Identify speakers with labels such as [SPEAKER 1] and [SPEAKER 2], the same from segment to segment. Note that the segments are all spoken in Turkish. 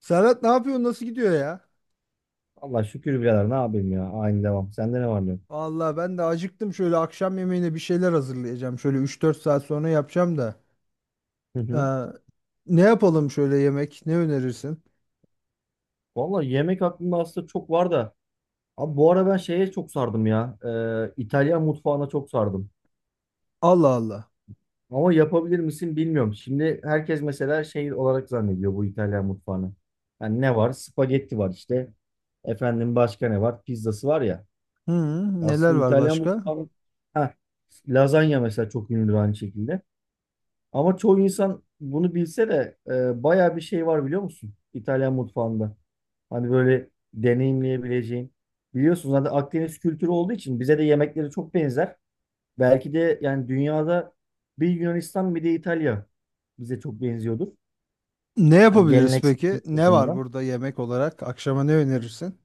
[SPEAKER 1] Serhat ne yapıyorsun? Nasıl gidiyor ya?
[SPEAKER 2] Allah şükür birader ne yapayım ya. Aynı devam. Sende ne var ne yok?
[SPEAKER 1] Vallahi ben de acıktım. Şöyle akşam yemeğine bir şeyler hazırlayacağım. Şöyle üç dört saat sonra yapacağım da.
[SPEAKER 2] Hı hı.
[SPEAKER 1] Ee, ne yapalım şöyle yemek? Ne önerirsin?
[SPEAKER 2] Valla yemek aklımda aslında çok var da. Abi bu ara ben şeye çok sardım ya. İtalyan mutfağına çok sardım.
[SPEAKER 1] Allah Allah.
[SPEAKER 2] Ama yapabilir misin bilmiyorum. Şimdi herkes mesela şey olarak zannediyor bu İtalyan mutfağını. Yani ne var? Spagetti var işte. Efendim başka ne var? Pizzası var ya.
[SPEAKER 1] Hı, neler
[SPEAKER 2] Aslında
[SPEAKER 1] var
[SPEAKER 2] İtalyan
[SPEAKER 1] başka?
[SPEAKER 2] mutfağı... Ha, lazanya mesela çok ünlüdür aynı şekilde. Ama çoğu insan bunu bilse de bayağı bir şey var biliyor musun? İtalyan mutfağında. Hani böyle deneyimleyebileceğin. Biliyorsunuz zaten Akdeniz kültürü olduğu için bize de yemekleri çok benzer. Belki de yani dünyada bir Yunanistan bir de İtalya bize çok benziyordur.
[SPEAKER 1] Ne
[SPEAKER 2] Hani
[SPEAKER 1] yapabiliriz peki?
[SPEAKER 2] geleneksellik
[SPEAKER 1] Ne var
[SPEAKER 2] bakımından.
[SPEAKER 1] burada yemek olarak? Akşama ne önerirsin?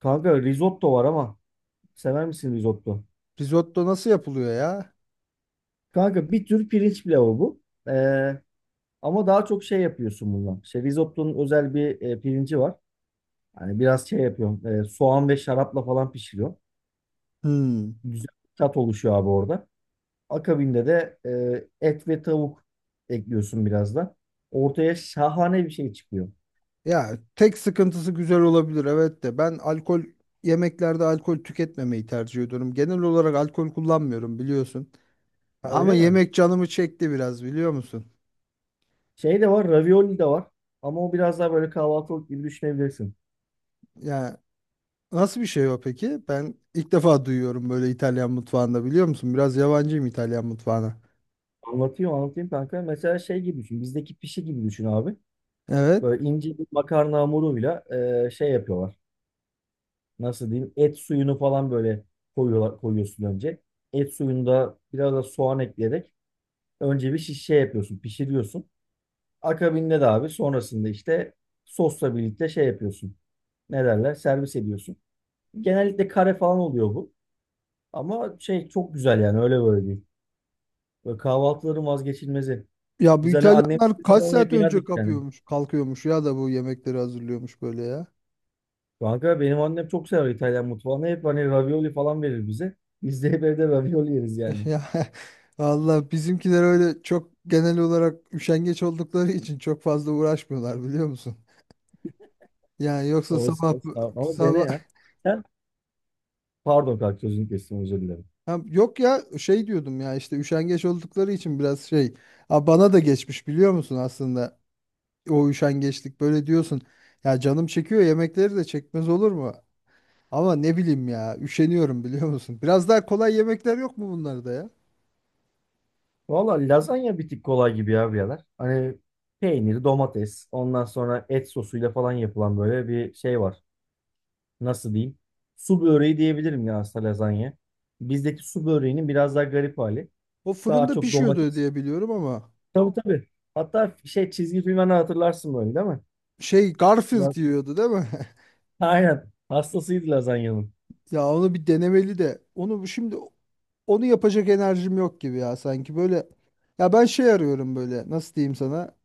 [SPEAKER 2] Kanka risotto var ama sever misin risotto?
[SPEAKER 1] Risotto nasıl yapılıyor ya?
[SPEAKER 2] Kanka bir tür pirinç pilavı bu. Ee, ama daha çok şey yapıyorsun bundan. İşte risottonun özel bir pirinci var. Hani biraz şey yapıyorum. Soğan ve şarapla falan pişiriyor.
[SPEAKER 1] Hmm.
[SPEAKER 2] Güzel bir tat oluşuyor abi orada. Akabinde de et ve tavuk ekliyorsun biraz da. Ortaya şahane bir şey çıkıyor.
[SPEAKER 1] Ya tek sıkıntısı güzel olabilir evet de ben alkol yemeklerde alkol tüketmemeyi tercih ediyorum. Genel olarak alkol kullanmıyorum biliyorsun.
[SPEAKER 2] Ha, öyle
[SPEAKER 1] Ama
[SPEAKER 2] mi?
[SPEAKER 1] yemek canımı çekti biraz biliyor musun?
[SPEAKER 2] Şey de var, ravioli de var. Ama o biraz daha böyle kahvaltılık gibi düşünebilirsin.
[SPEAKER 1] Yani nasıl bir şey o peki? Ben ilk defa duyuyorum böyle İtalyan mutfağında biliyor musun? Biraz yabancıyım İtalyan mutfağına.
[SPEAKER 2] Anlatayım kanka. Mesela şey gibi düşün. Bizdeki pişi gibi düşün abi.
[SPEAKER 1] Evet.
[SPEAKER 2] Böyle ince bir makarna hamuruyla şey yapıyorlar. Nasıl diyeyim? Et suyunu falan böyle koyuyorlar, koyuyorsun önce. Et suyunu da biraz da soğan ekleyerek önce bir şiş şey yapıyorsun, pişiriyorsun. Akabinde de abi sonrasında işte sosla birlikte şey yapıyorsun. Ne derler? Servis ediyorsun. Genellikle kare falan oluyor bu. Ama şey çok güzel yani öyle böyle değil. Böyle kahvaltıların vazgeçilmezi.
[SPEAKER 1] Ya bu
[SPEAKER 2] Biz hani annem
[SPEAKER 1] İtalyanlar kaç
[SPEAKER 2] falan
[SPEAKER 1] saat
[SPEAKER 2] hep
[SPEAKER 1] önce
[SPEAKER 2] yerdik yani.
[SPEAKER 1] kapıyormuş, kalkıyormuş ya da bu yemekleri hazırlıyormuş böyle ya.
[SPEAKER 2] Kanka benim annem çok sever İtalyan mutfağını. Hep hani ravioli falan verir bize. Biz de hep evde ravioli yeriz yani.
[SPEAKER 1] Ya Allah bizimkiler öyle çok genel olarak üşengeç oldukları için çok fazla uğraşmıyorlar biliyor musun? Yani yoksa sabah
[SPEAKER 2] Olsun. Ama dene
[SPEAKER 1] sabah.
[SPEAKER 2] ya. Sen pardon kanka sözünü kestim özür dilerim.
[SPEAKER 1] Ha, yok ya şey diyordum ya işte üşengeç oldukları için biraz şey. Ha, bana da geçmiş biliyor musun aslında o üşengeçlik böyle diyorsun. Ya canım çekiyor yemekleri de çekmez olur mu? Ama ne bileyim ya üşeniyorum biliyor musun? Biraz daha kolay yemekler yok mu bunlarda ya?
[SPEAKER 2] Valla lazanya bir tık kolay gibi ya birader. Hani peynir, domates, ondan sonra et sosuyla falan yapılan böyle bir şey var. Nasıl diyeyim? Su böreği diyebilirim ya aslında lazanya. Bizdeki su böreğinin biraz daha garip hali.
[SPEAKER 1] O
[SPEAKER 2] Daha
[SPEAKER 1] fırında
[SPEAKER 2] çok
[SPEAKER 1] pişiyordu
[SPEAKER 2] domates.
[SPEAKER 1] diye biliyorum ama
[SPEAKER 2] Tabii, tabii. Hatta şey çizgi filmden hatırlarsın böyle değil mi?
[SPEAKER 1] şey
[SPEAKER 2] La-
[SPEAKER 1] Garfield yiyordu değil mi?
[SPEAKER 2] Aynen. Hastasıydı lazanyanın.
[SPEAKER 1] Ya onu bir denemeli de onu şimdi onu yapacak enerjim yok gibi ya sanki böyle. Ya ben şey arıyorum böyle nasıl diyeyim sana?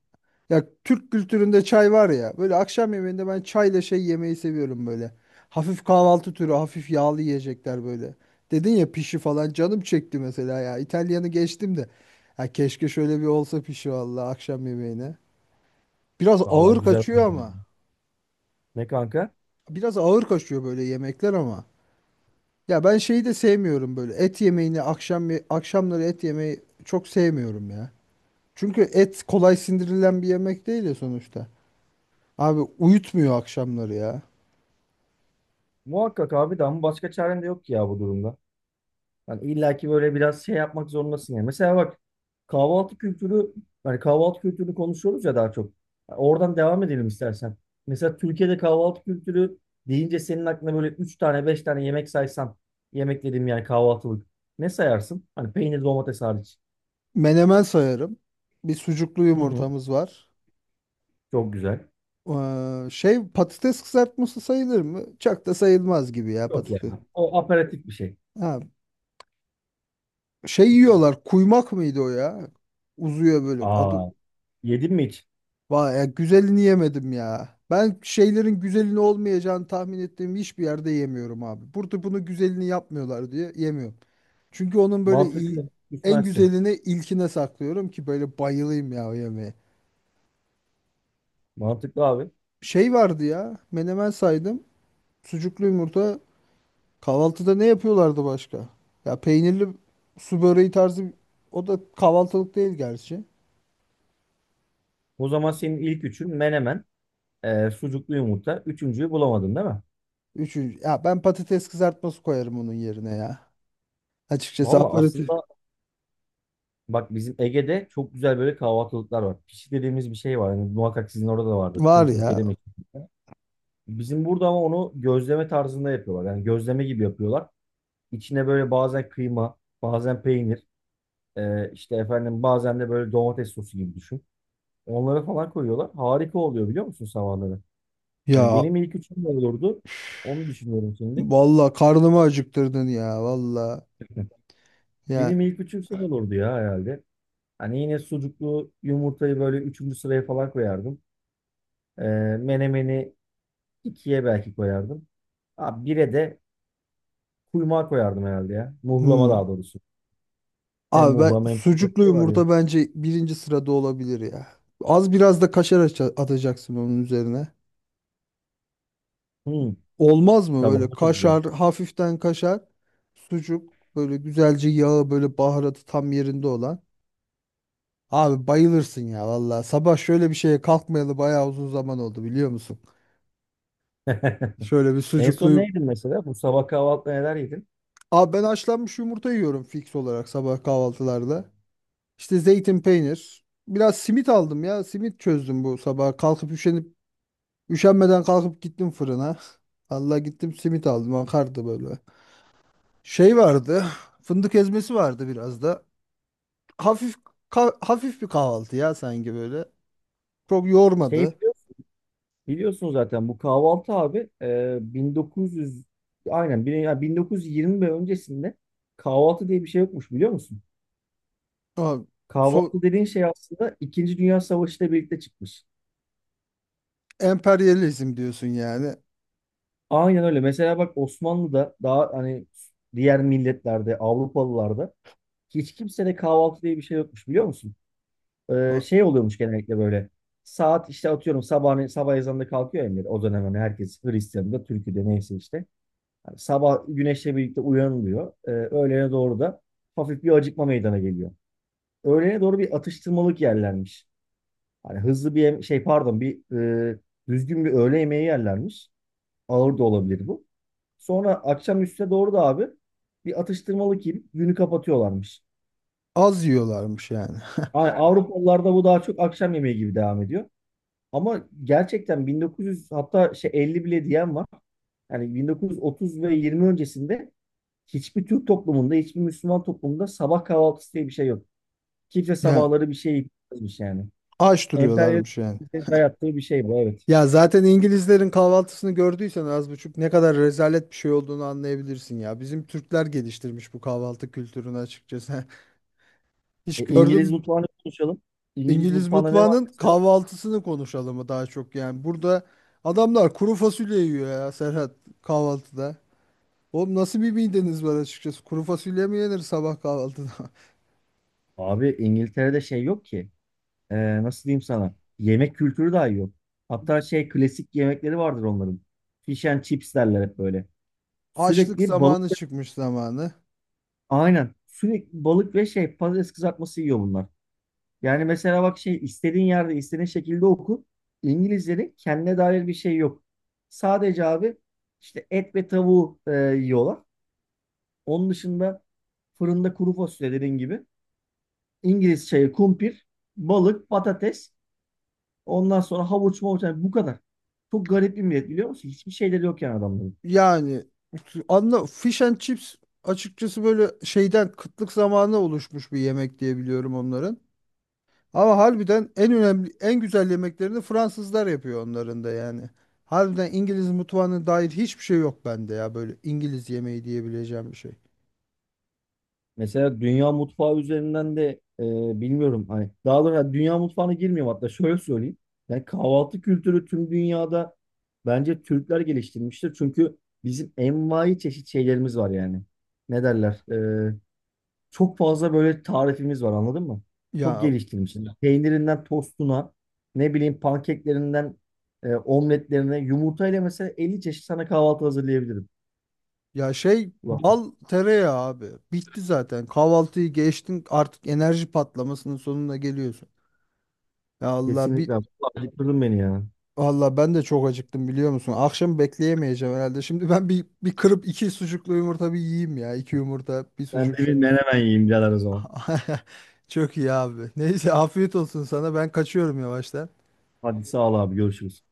[SPEAKER 1] Ya Türk kültüründe çay var ya. Böyle akşam yemeğinde ben çayla şey yemeyi seviyorum böyle. Hafif kahvaltı türü, hafif yağlı yiyecekler böyle. Dedin ya pişi falan canım çekti mesela ya. İtalyanı geçtim de. Ya keşke şöyle bir olsa pişi valla akşam yemeğine. Biraz
[SPEAKER 2] Valla
[SPEAKER 1] ağır
[SPEAKER 2] güzel.
[SPEAKER 1] kaçıyor ama.
[SPEAKER 2] Ne kanka?
[SPEAKER 1] Biraz ağır kaçıyor böyle yemekler ama. Ya ben şeyi de sevmiyorum böyle. Et yemeğini akşamları et yemeyi çok sevmiyorum ya. Çünkü et kolay sindirilen bir yemek değil ya sonuçta. Abi uyutmuyor akşamları ya.
[SPEAKER 2] Muhakkak abi de ama başka çaren de yok ki ya bu durumda. Hani illaki böyle biraz şey yapmak zorundasın yani. Mesela bak kahvaltı kültürü hani kahvaltı kültürünü konuşuyoruz ya daha çok. Oradan devam edelim istersen. Mesela Türkiye'de kahvaltı kültürü deyince senin aklına böyle 3 tane 5 tane yemek saysan yemek dediğim yani kahvaltılık ne sayarsın? Hani peynir domates hariç.
[SPEAKER 1] Menemen sayarım. Bir sucuklu
[SPEAKER 2] Hı hı.
[SPEAKER 1] yumurtamız var.
[SPEAKER 2] Çok güzel.
[SPEAKER 1] Şey patates kızartması sayılır mı? Çok da sayılmaz gibi ya
[SPEAKER 2] Yok ya.
[SPEAKER 1] patates.
[SPEAKER 2] O aperatif bir şey.
[SPEAKER 1] Ha, şey yiyorlar. Kuymak mıydı o ya? Uzuyor böyle. Adı,
[SPEAKER 2] Aa, yedin mi hiç?
[SPEAKER 1] vay ya, güzelini yemedim ya. Ben şeylerin güzelini olmayacağını tahmin ettiğim hiçbir yerde yemiyorum abi. Burada bunu güzelini yapmıyorlar diye yemiyorum. Çünkü onun böyle
[SPEAKER 2] Mantıklı.
[SPEAKER 1] en
[SPEAKER 2] Gitmezsin.
[SPEAKER 1] güzelini ilkine saklıyorum ki böyle bayılayım ya o yemeğe.
[SPEAKER 2] Mantıklı abi.
[SPEAKER 1] Şey vardı ya. Menemen saydım. Sucuklu yumurta. Kahvaltıda ne yapıyorlardı başka? Ya peynirli su böreği tarzı, o da kahvaltılık değil gerçi.
[SPEAKER 2] O zaman senin ilk üçün menemen, sucuklu yumurta. Üçüncüyü bulamadın değil mi?
[SPEAKER 1] Üçüncü. Ya ben patates kızartması koyarım onun yerine ya. Açıkçası
[SPEAKER 2] Valla
[SPEAKER 1] aparatif
[SPEAKER 2] aslında bak bizim Ege'de çok güzel böyle kahvaltılıklar var. Pişi dediğimiz bir şey var. Yani muhakkak sizin orada da vardır.
[SPEAKER 1] var
[SPEAKER 2] Tüm
[SPEAKER 1] ya.
[SPEAKER 2] Türkiye'de mi? Bizim burada ama onu gözleme tarzında yapıyorlar. Yani gözleme gibi yapıyorlar. İçine böyle bazen kıyma, bazen peynir, işte efendim bazen de böyle domates sosu gibi düşün. Onları falan koyuyorlar. Harika oluyor biliyor musun sabahları? Yani
[SPEAKER 1] Ya
[SPEAKER 2] benim ilk üçüm ne olurdu? Onu düşünüyorum şimdi.
[SPEAKER 1] valla karnımı acıktırdın ya valla. Ya
[SPEAKER 2] Benim ilk üçüm şey olurdu ya herhalde. Hani yine sucuklu yumurtayı böyle üçüncü sıraya falan koyardım. Ee, menemeni ikiye belki koyardım. Abi bire de kuymağı koyardım herhalde ya. Muhlama
[SPEAKER 1] hmm.
[SPEAKER 2] daha doğrusu. Hem
[SPEAKER 1] Abi ben
[SPEAKER 2] muhlama hem kuymak
[SPEAKER 1] sucuklu
[SPEAKER 2] var ya.
[SPEAKER 1] yumurta bence birinci sırada olabilir ya. Az biraz da kaşar atacaksın onun üzerine.
[SPEAKER 2] Hmm,
[SPEAKER 1] Olmaz mı
[SPEAKER 2] tabii
[SPEAKER 1] böyle
[SPEAKER 2] ama çok güzel.
[SPEAKER 1] kaşar, hafiften kaşar, sucuk, böyle güzelce yağı, böyle baharatı tam yerinde olan. Abi bayılırsın ya valla. Sabah şöyle bir şeye kalkmayalı bayağı uzun zaman oldu biliyor musun? Şöyle bir
[SPEAKER 2] En son ne
[SPEAKER 1] sucuklu.
[SPEAKER 2] yedin mesela? Bu sabah kahvaltıda neler yedin?
[SPEAKER 1] Abi ben haşlanmış yumurta yiyorum fix olarak sabah kahvaltılarda. İşte zeytin peynir. Biraz simit aldım ya. Simit çözdüm bu sabah. Kalkıp üşenip üşenmeden kalkıp gittim fırına. Allah gittim simit aldım. Akardı böyle. Şey vardı. Fındık ezmesi vardı biraz da. Hafif hafif bir kahvaltı ya sanki böyle. Çok
[SPEAKER 2] Şey
[SPEAKER 1] yormadı.
[SPEAKER 2] biliyorsun, zaten bu kahvaltı abi 1900, aynen, ya 1920 ve öncesinde kahvaltı diye bir şey yokmuş biliyor musun?
[SPEAKER 1] Ama
[SPEAKER 2] Kahvaltı
[SPEAKER 1] so
[SPEAKER 2] dediğin şey aslında İkinci Dünya Savaşı ile birlikte çıkmış.
[SPEAKER 1] emperyalizm diyorsun yani.
[SPEAKER 2] Aynen öyle. Mesela bak Osmanlı'da daha hani diğer milletlerde, Avrupalılarda hiç kimsede kahvaltı diye bir şey yokmuş biliyor musun? Şey oluyormuş genellikle böyle. Saat işte atıyorum sabah, sabah ezanında kalkıyor emir. O dönem hani herkes Hristiyan'da, Türkiye'de neyse işte. Yani sabah güneşle birlikte uyanılıyor. Öğlene doğru da hafif bir acıkma meydana geliyor. Öğlene doğru bir atıştırmalık yerlermiş. Hani hızlı bir yem- şey pardon bir e, düzgün bir öğle yemeği yerlermiş. Ağır da olabilir bu. Sonra akşam üstüne doğru da abi bir atıştırmalık yiyip günü kapatıyorlarmış.
[SPEAKER 1] Az yiyorlarmış yani.
[SPEAKER 2] Yani, ha. Avrupalılarda bu daha çok akşam yemeği gibi devam ediyor. Ama gerçekten 1900, hatta şey 50 bile diyen var. Yani 1930 ve 20 öncesinde hiçbir Türk toplumunda, hiçbir Müslüman toplumunda sabah kahvaltısı diye bir şey yok. Kimse
[SPEAKER 1] Yani
[SPEAKER 2] sabahları bir şey yapmış yani.
[SPEAKER 1] aç duruyorlarmış yani.
[SPEAKER 2] Emperyalizmin dayattığı bir şey bu evet.
[SPEAKER 1] Ya zaten İngilizlerin kahvaltısını gördüysen az buçuk ne kadar rezalet bir şey olduğunu anlayabilirsin ya. Bizim Türkler geliştirmiş bu kahvaltı kültürünü açıkçası. Hiç
[SPEAKER 2] E, İngiliz
[SPEAKER 1] gördüm
[SPEAKER 2] mutfağını konuşalım. İngiliz
[SPEAKER 1] İngiliz
[SPEAKER 2] mutfağında ne var
[SPEAKER 1] mutfağının
[SPEAKER 2] mesela?
[SPEAKER 1] kahvaltısını konuşalım mı daha çok yani. Burada adamlar kuru fasulye yiyor ya Serhat kahvaltıda. Oğlum nasıl bir mideniz var açıkçası? Kuru fasulye mi yenir sabah kahvaltıda?
[SPEAKER 2] Abi İngiltere'de şey yok ki. Nasıl diyeyim sana yemek kültürü dahi yok. Hatta şey klasik yemekleri vardır onların. Fish and chips derler hep böyle.
[SPEAKER 1] Açlık
[SPEAKER 2] Sürekli balık,
[SPEAKER 1] zamanı çıkmış zamanı.
[SPEAKER 2] aynen sürekli balık ve şey patates kızartması yiyor bunlar. Yani mesela bak şey istediğin yerde istediğin şekilde oku. İngilizlerin kendine dair bir şey yok. Sadece abi işte et ve tavuğu yiyorlar. Onun dışında fırında kuru fasulye dediğin gibi. İngiliz çayı, kumpir, balık, patates. Ondan sonra havuç mavuç yani bu kadar. Çok garip bir millet biliyor musun? Hiçbir şeyleri yok yani adamların.
[SPEAKER 1] Yani anla fish and chips açıkçası böyle şeyden kıtlık zamanı oluşmuş bir yemek diye biliyorum onların. Ama harbiden en önemli en güzel yemeklerini Fransızlar yapıyor onların da yani. Harbiden İngiliz mutfağına dair hiçbir şey yok bende ya böyle İngiliz yemeği diyebileceğim bir şey.
[SPEAKER 2] Mesela dünya mutfağı üzerinden de e, bilmiyorum hani daha doğrusu yani dünya mutfağına girmiyorum hatta şöyle söyleyeyim. Yani kahvaltı kültürü tüm dünyada bence Türkler geliştirmiştir. Çünkü bizim envai çeşit şeylerimiz var yani. Ne derler? E, çok fazla böyle tarifimiz var anladın mı? Çok
[SPEAKER 1] Ya
[SPEAKER 2] geliştirmişiz. Peynirinden tostuna, ne bileyim pankeklerinden omletlerine, yumurtayla mesela 50 çeşit sana kahvaltı hazırlayabilirim.
[SPEAKER 1] Ya şey
[SPEAKER 2] Ulan
[SPEAKER 1] bal tereyağı abi. Bitti zaten. Kahvaltıyı geçtin artık enerji patlamasının sonuna geliyorsun. Ya Allah
[SPEAKER 2] kesinlikle,
[SPEAKER 1] bir
[SPEAKER 2] abi. Ulan bitirdin beni ya.
[SPEAKER 1] Allah ben de çok acıktım biliyor musun? Akşam bekleyemeyeceğim herhalde. Şimdi ben bir kırıp iki sucuklu yumurta bir yiyeyim ya. İki yumurta bir
[SPEAKER 2] Ben de
[SPEAKER 1] sucuk
[SPEAKER 2] bir
[SPEAKER 1] şu.
[SPEAKER 2] menemen yiyeyim birader o zaman.
[SPEAKER 1] Çok iyi abi. Neyse afiyet olsun sana. Ben kaçıyorum yavaştan.
[SPEAKER 2] Hadi sağ ol abi görüşürüz.